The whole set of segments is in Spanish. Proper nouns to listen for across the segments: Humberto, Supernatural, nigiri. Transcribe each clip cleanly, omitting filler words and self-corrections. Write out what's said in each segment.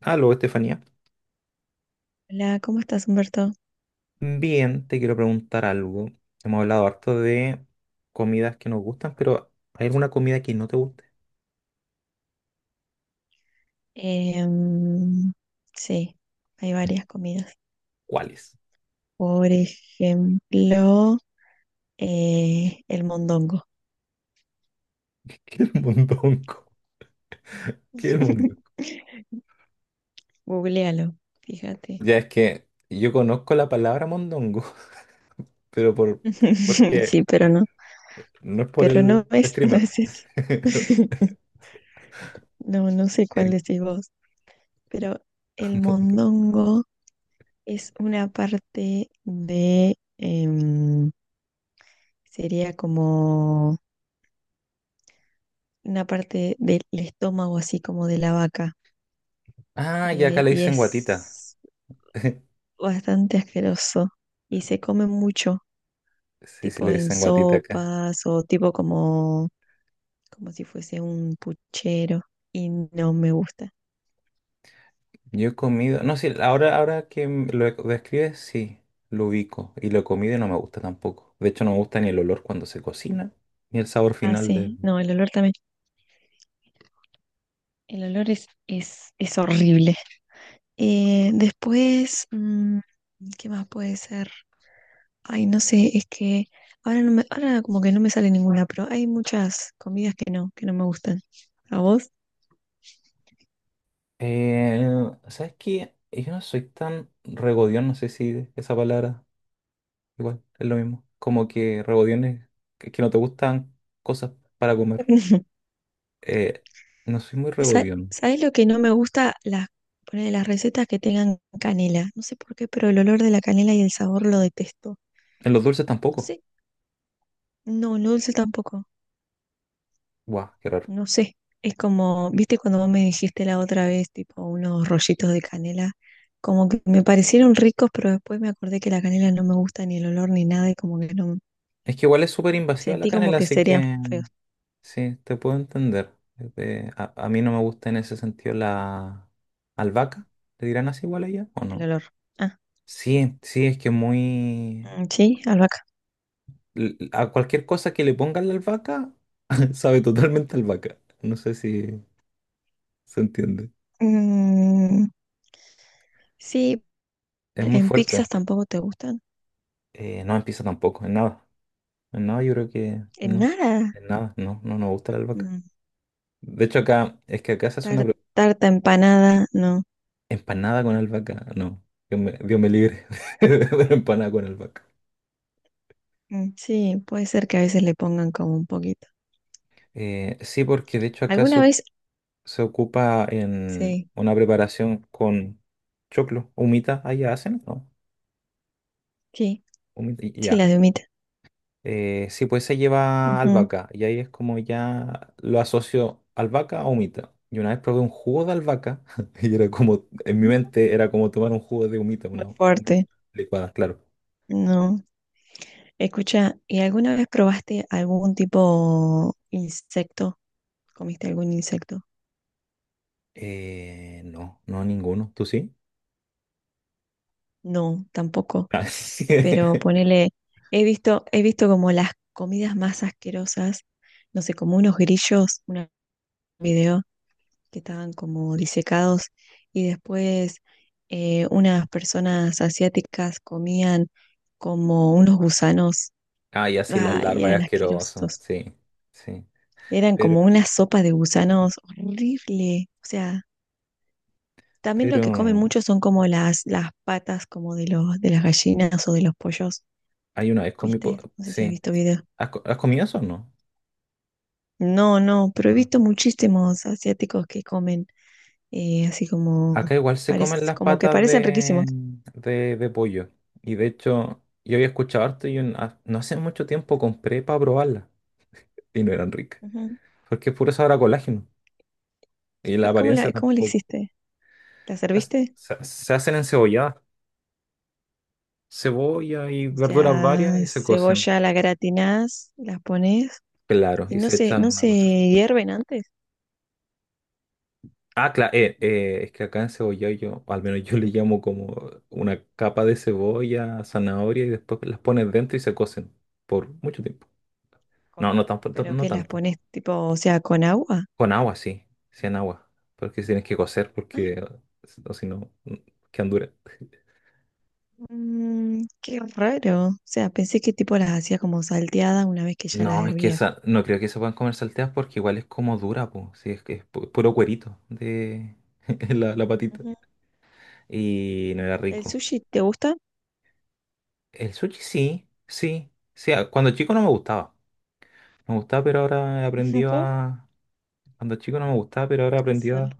Aló, Estefanía. Hola, ¿cómo estás, Humberto? Bien, te quiero preguntar algo. Hemos hablado harto de comidas que nos gustan, pero ¿hay alguna comida que no te guste? Em, sí, hay varias comidas. ¿Cuál es? Por ejemplo, el mondongo. ¿Qué es el mondongo? ¿Qué es el mondongo? Googlealo, fíjate. Ya es que yo conozco la palabra mondongo, pero por porque Sí, pero no, no es por el no streamer. es eso. No, no sé cuál Es decís vos, pero el mondongo. mondongo es una parte de, sería como una parte del estómago, así como de la vaca. Ah, y acá le Y dicen guatita. es bastante asqueroso y se come mucho, Sí, sí, le tipo en dicen guatita acá. sopas o tipo como si fuese un puchero y no me gusta. Yo he comido, no, sí, ahora que lo describes, sí, lo ubico y lo he comido y no me gusta tampoco. De hecho, no me gusta ni el olor cuando se cocina, ni el sabor Ah, final del. sí, no, el olor también. El olor es horrible. Después, mm, ¿qué más puede ser? Ay, no sé, es que ahora como que no me sale ninguna, pero hay muchas comidas que no me gustan. ¿A vos? Eh, ¿Sabes qué? Yo no soy tan regodión, no sé si esa palabra igual es lo mismo. Como que regodión es que no te gustan cosas para comer. Eh, no soy muy ¿Sa- regodión. sabes lo que no me gusta? Ponele, las recetas que tengan canela. No sé por qué, pero el olor de la canela y el sabor lo detesto. En los dulces No tampoco. sé. No, lo dulce tampoco. Guau, qué raro. No sé. Es como, viste cuando vos me dijiste la otra vez, tipo unos rollitos de canela, como que me parecieron ricos, pero después me acordé que la canela no me gusta ni el olor ni nada y como que no, Es que igual es súper invasiva la sentí como canela, que así serían que... feos Sí, te puedo entender. A mí no me gusta en ese sentido la albahaca. ¿Le dirán así igual a ella o el no? olor. Ah, Sí, sí, es que muy. mm, sí, albahaca. A cualquier cosa que le pongan la albahaca, sabe totalmente a albahaca. No sé si se entiende. Mm, sí, Es muy en fuerte. pizzas tampoco te gustan. No empieza tampoco, en nada. En nada yo creo que En no. nada. En nada, no, no nos gusta la albahaca. Mm, De hecho acá, es que acá se hace una tar- tarta empanada, no. empanada con albahaca. No, Dios me libre de una empanada con albahaca. Mm, sí, puede ser que a veces le pongan como un poquito. Sí, porque de hecho acá ¿Alguna se, vez? se ocupa en Sí, una preparación con choclo, humita, allá hacen, ¿no? sí, Humita, sí, ya. las de humita. Sí, pues se lleva Ujú. albahaca y ahí es como ya lo asocio albahaca a humita. Y una vez probé un jugo de albahaca y era como, en mi Muy mente era como tomar un jugo de humita, una humita fuerte. licuada, claro. No. Escucha, ¿y alguna vez probaste algún tipo insecto? ¿Comiste algún insecto? No, no ninguno, ¿tú sí? No, tampoco. Ah, sí. Pero ponele, he visto como las comidas más asquerosas, no sé, como unos grillos, un video que estaban como disecados y después unas personas asiáticas comían como unos gusanos, Ah, ya sí, las ay, larvas es eran asqueroso, asquerosos, sí, sí. eran Pero, como una sopa de gusanos horrible, o sea, también lo pero que comen mucho son como las patas como de de las gallinas o de los pollos, hay una vez comí, ¿viste? No sé si has sí. visto videos. ¿Has comido eso o no? No, no, pero he No. visto muchísimos asiáticos que comen eh, así como, Acá igual se parece, comen las como que patas parecen de, riquísimos. de, de pollo. Y de hecho, yo había escuchado harto y no hace mucho tiempo compré para probarlas. Y no eran ricas. Ujú. Porque es puro sabor a colágeno. Y la ¿Y cómo apariencia cómo la tampoco. hiciste? ¿La Se, hace- serviste? se, se hacen encebolladas. Cebolla y O verduras sea, varias y se cocen. cebolla la gratinás, las pones Claro, y y se echan no una se cosa. hierven antes. Ah, claro, es que acá en cebollado yo, o al Se menos yo le hierven. llamo como una capa de cebolla, zanahoria y después las pones dentro y se cocen por mucho tiempo. No, Con, no tanto, pero no ¿qué las tanto. pones tipo, o sea, con agua? Con agua, sí, sí en agua, porque tienes que cocer Ah, porque o si no, quedan duras. mm, qué raro. O sea, pensé que tipo las hacía como salteadas una vez que ya las No, es que hervía. esa, no creo que se puedan comer salteadas porque igual es como dura, pues, sí, es que es puro cuerito de la, patita. Ujú. Y no era ¿El rico. sushi te gusta? El sushi sí, sí, sí, cuando chico no me gustaba. Me gustaba, pero ahora he aprendido Puedo a... Cuando chico no me gustaba, pero ahora he aprendido hacerlo.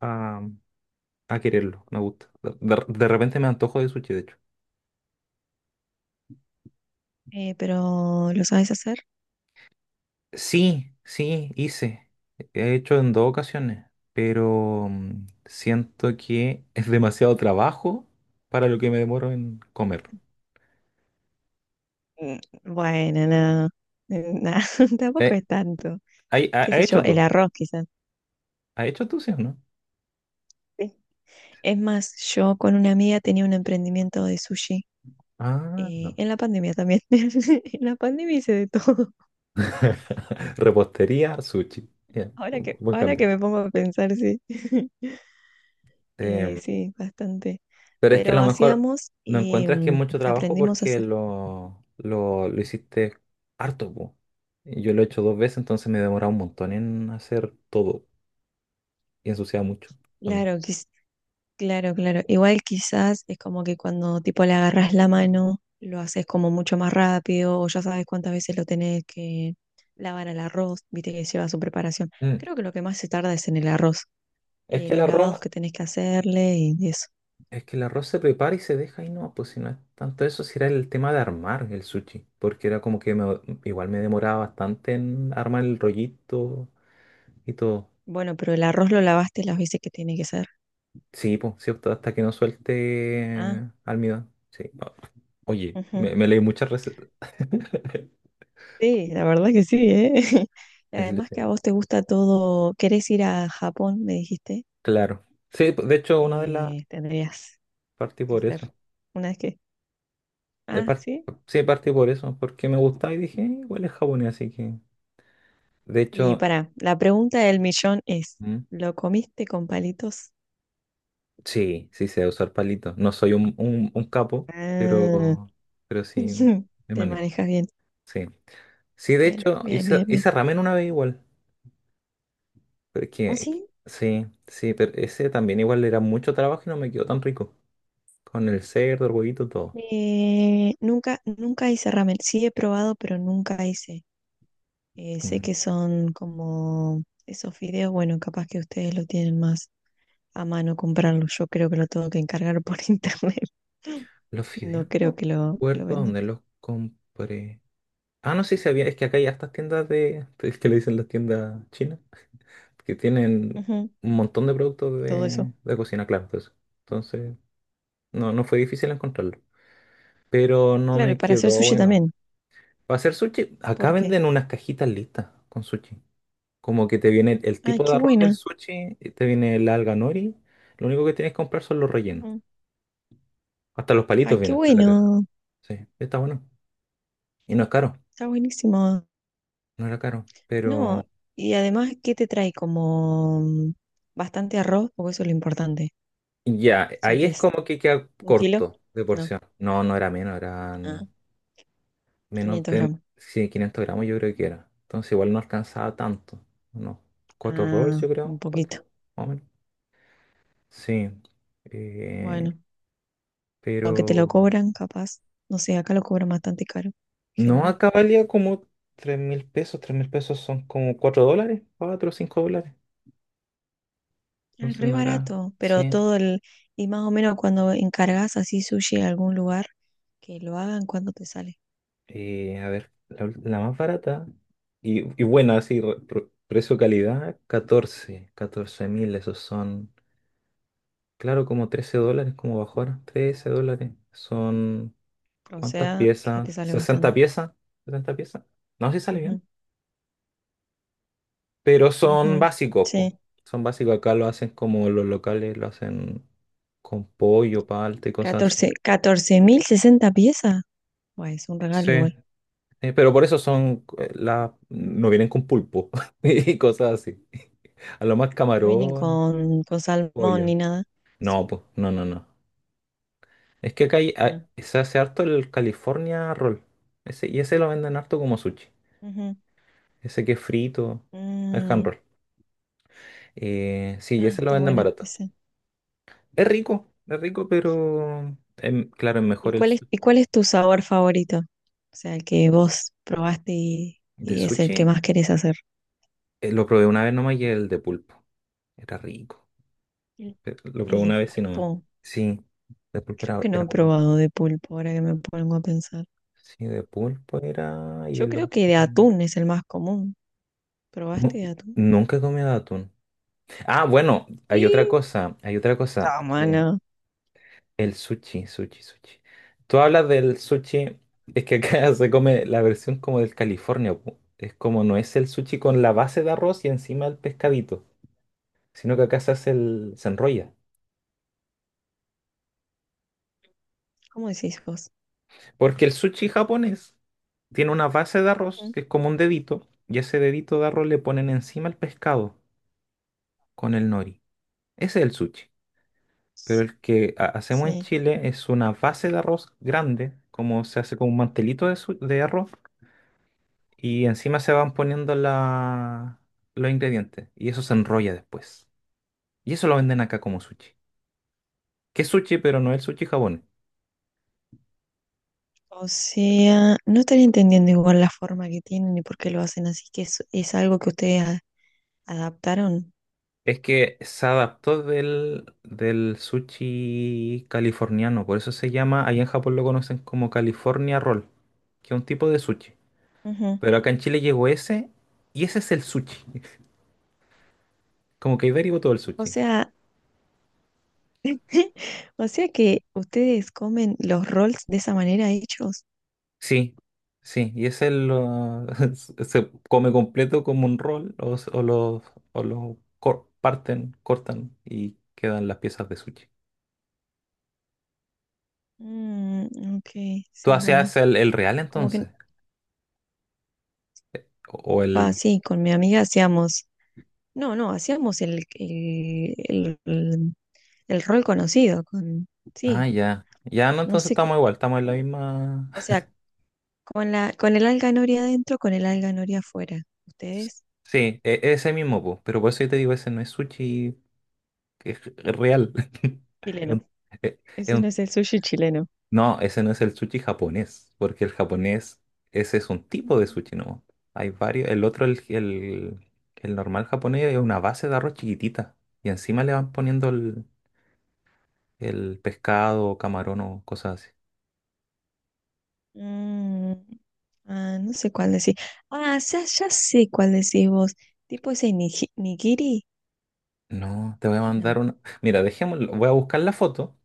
a, a quererlo. Me gusta. De repente me antojo de sushi, de hecho. Pero ¿lo sabes hacer? Sí, sí, hice. He hecho en dos ocasiones, pero siento que es demasiado trabajo para lo que me demoro en comer. Mm, bueno, no. Nah, tampoco Eh, es tanto. ¿ha, ha- Qué ha sé yo, hecho el tú? arroz quizás. Ha hecho tú, sí o no? Es más, yo con una amiga tenía un emprendimiento de sushi, Ah, no. en la pandemia también. En la pandemia hice de todo. Repostería, sushi. Ya, un buen ahora cambio. que me pongo a pensar, sí. Em, sí, bastante. Pero es que a Pero lo mejor hacíamos no y encuentras que es mm, mucho trabajo aprendimos a porque hacer. lo hiciste harto, po. Y yo lo he hecho dos veces, entonces me he demorado un montón en hacer todo y ensuciaba mucho también. Claro, quiz- claro, claro. Igual quizás es como que cuando tipo le agarras la mano, lo haces como mucho más rápido, o ya sabes cuántas veces lo tenés que lavar al arroz, viste que lleva su preparación. Mm. Creo que lo que más se tarda es en el arroz. Es Eh, que el los lavados arroz, que tenés que hacerle y eso. es que el arroz se prepara y se deja y no, pues si no es tanto eso, si era el tema de armar el sushi, porque era como que igual me demoraba bastante en armar el rollito y todo. Bueno, pero el arroz lo lavaste las veces que tiene que ser. Sí, pues, sí, hasta que no Ah, suelte almidón. Sí. Oye, ujú. me leí muchas recetas. Sí, la verdad que sí, ¿eh? Y además que Deshilachado. a vos te gusta todo, querés ir a Japón, me dijiste, Claro. Sí, de hecho, una de las tendrías partí que por ser eso. una vez que... De Ah, par- sí. Sí, partí por eso, porque me gustaba y dije, Igual es japonés, así que". De Y hecho. para, la pregunta del millón es, ¿Mm? ¿lo comiste con palitos? Sí, sí sé usar palitos. No soy un capo, Ah, pero, pero sí me te manejo. manejas bien. Sí. Sí, de Bien, hecho, bien, hice, bien, bien. hice ramen una vez igual. ¿Ah, Porque sí? sí, sí, pero ese también igual era mucho trabajo y no me quedó tan rico. Con el cerdo, el huevito, todo. Nunca hice ramen. Sí he probado, pero nunca hice. Sé que son como esos fideos, bueno, capaz que ustedes lo tienen más a mano comprarlo. Yo creo que lo tengo que encargar por internet. Los fideos, No creo no que que lo recuerdo vendan dónde acá. los compré. Ah, no sé si sabía, es que acá hay estas tiendas de, es que le dicen las tiendas chinas, que tienen Ujú, un montón de productos todo de, eso. de cocina, claro, de eso. Entonces, no fue difícil encontrarlo. Pero no Claro, y me para hacer quedó sushi bueno. también. Para hacer sushi, acá ¿Por qué? venden unas cajitas listas con sushi. Como que te viene el Ay, tipo de qué arroz del buena. sushi, y te viene el alga nori. Lo único que tienes que comprar son los rellenos. Ujú. Hasta los palitos Ay, qué vienen en la caja. bueno. Sí, está bueno. Y no es caro. Está buenísimo. No era caro, pero No, y además, ¿qué te trae? Como mm, bastante arroz, porque eso es lo importante. ya, O sea, ahí que es como que queda ¿un kilo? corto de No. porción. No, no era menos, Ah, eran menos 500 de gramos. sí, 500 gramos yo creo que era. Entonces igual no alcanzaba tanto. Unos cuatro rolls Ah, yo un creo, poquito. cuatro, más o menos. Sí, eh, Bueno, aunque te lo pero cobran, capaz. No sé, acá lo cobran bastante caro, en no general. acá valía como 3.000 pesos, 3.000 pesos son como 4 dólares, 4 o 5 dólares. Ah, Entonces re no era, barato, pero sí. todo el... Y más o menos cuando encargas así sushi a algún lugar, que lo hagan cuando te sale. A ver, la más barata y buena, así, precio-calidad, catorce mil, esos son, claro, como 13 dólares, como bajó ahora, 13 dólares, son, O ¿cuántas sea, que piezas? te sale sesenta bastante. piezas? ¿60 piezas? No sé si sale bien, Ujú, pero son ujú, básicos, po. sí. Son básicos, acá lo hacen como los locales, lo hacen con pollo, palta y cosas así. 14, 14.000 60 piezas. Bueno, es un regalo Sí. igual. Pero por eso son no vienen con pulpo y cosas así. A lo más No vienen camarón, con salmón pollo. ni nada. ¿O No, sí? pues, no, no, no. Es que acá Ah. se hace harto el California Roll. Ese, y ese lo venden harto como sushi. Ujú. Ese que es frito, el hand Mm. roll. Sí, y Ah, ese lo está venden bueno barato. ese. Es rico, pero claro, es ¿Y mejor el cuál y cuál es tu sabor favorito? O sea, el que vos probaste de y es el sushi. que más querés hacer. Lo probé una vez nomás y el de pulpo. Era rico. El, Lo el probé de una vez y no más. pulpo. Sí, de pulpo Creo era, que no era he bueno. probado de pulpo, ahora que me pongo a pensar. Sí, de pulpo era. Y Yo el creo otro. que de atún es el más común. ¿Probaste Nu- de atún? Nunca he comido atún. Ah, bueno, hay otra Y cosa. Hay otra cosa. Que cámara. el sushi, sushi, sushi. Tú hablas del sushi. Es que acá se come la versión como del California, po. Es como no es el sushi con la base de arroz y encima el pescadito. Sino que acá se hace el. Se enrolla. ¿Cómo decís vos? Porque el sushi japonés tiene una base de arroz Mm. que es como un dedito, y ese dedito de arroz le ponen encima el pescado con el nori. Ese es el sushi. Pero el que hacemos en Sí. Chile es una base de arroz grande, como se hace con un mantelito de, de arroz, y encima se van poniendo los ingredientes, y eso se enrolla después. Y eso lo venden acá como sushi. Que es sushi, pero no es el sushi japonés. O sea, no estaría entendiendo igual la forma que tienen y por qué lo hacen así, es algo que ustedes a- adaptaron. Es que se adaptó del sushi californiano, por eso se llama, allá en Japón lo conocen como California Roll, que es un tipo de sushi. Ujú. Pero acá en Chile llegó ese y ese es el sushi. Como que ahí derivó todo el O sushi. sea, o sea que ustedes comen los rolls de esa manera hechos. Sí, sí, y ese lo, se come completo como un roll o lo, parten, cortan y quedan las piezas de sushi. Mm, ok, ¿Tú sí, bueno, hacías el real como que... entonces? ¿O o Ah, el... sí, con mi amiga hacíamos... No, no, hacíamos el rol conocido, con... Ah, Sí, ya. Ya, no, no entonces sé, qué- estamos igual, estamos en la misma. o sea, con con el alga noria adentro, con el alga noria afuera. Ustedes, Sí, ese mismo, po, pero por eso yo te digo, ese no es sushi, es real. Es chileno. un- es- es Ese no un- es el sushi chileno. No, ese no es el sushi japonés, porque el japonés, ese es un tipo de sushi, ¿no? Hay varios, el otro, el, normal japonés es una base de arroz chiquitita, y encima le van poniendo el pescado, camarón o cosas así. Mm, ah, no sé cuál decís. Ah, ya, ya sé cuál decís vos. Tipo ese niji- nigiri. No, te voy a No, mandar una. Mira, dejémoslo, voy a buscar la foto.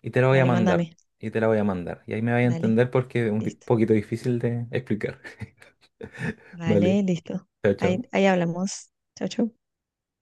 Y te la voy a dale, mandar. mándame. Y te la voy a mandar. Y ahí me vais a Dale, entender porque es un listo. poquito difícil de explicar. Vale. Vale, listo. Chao, chao. Ahí hablamos. Chau, chau.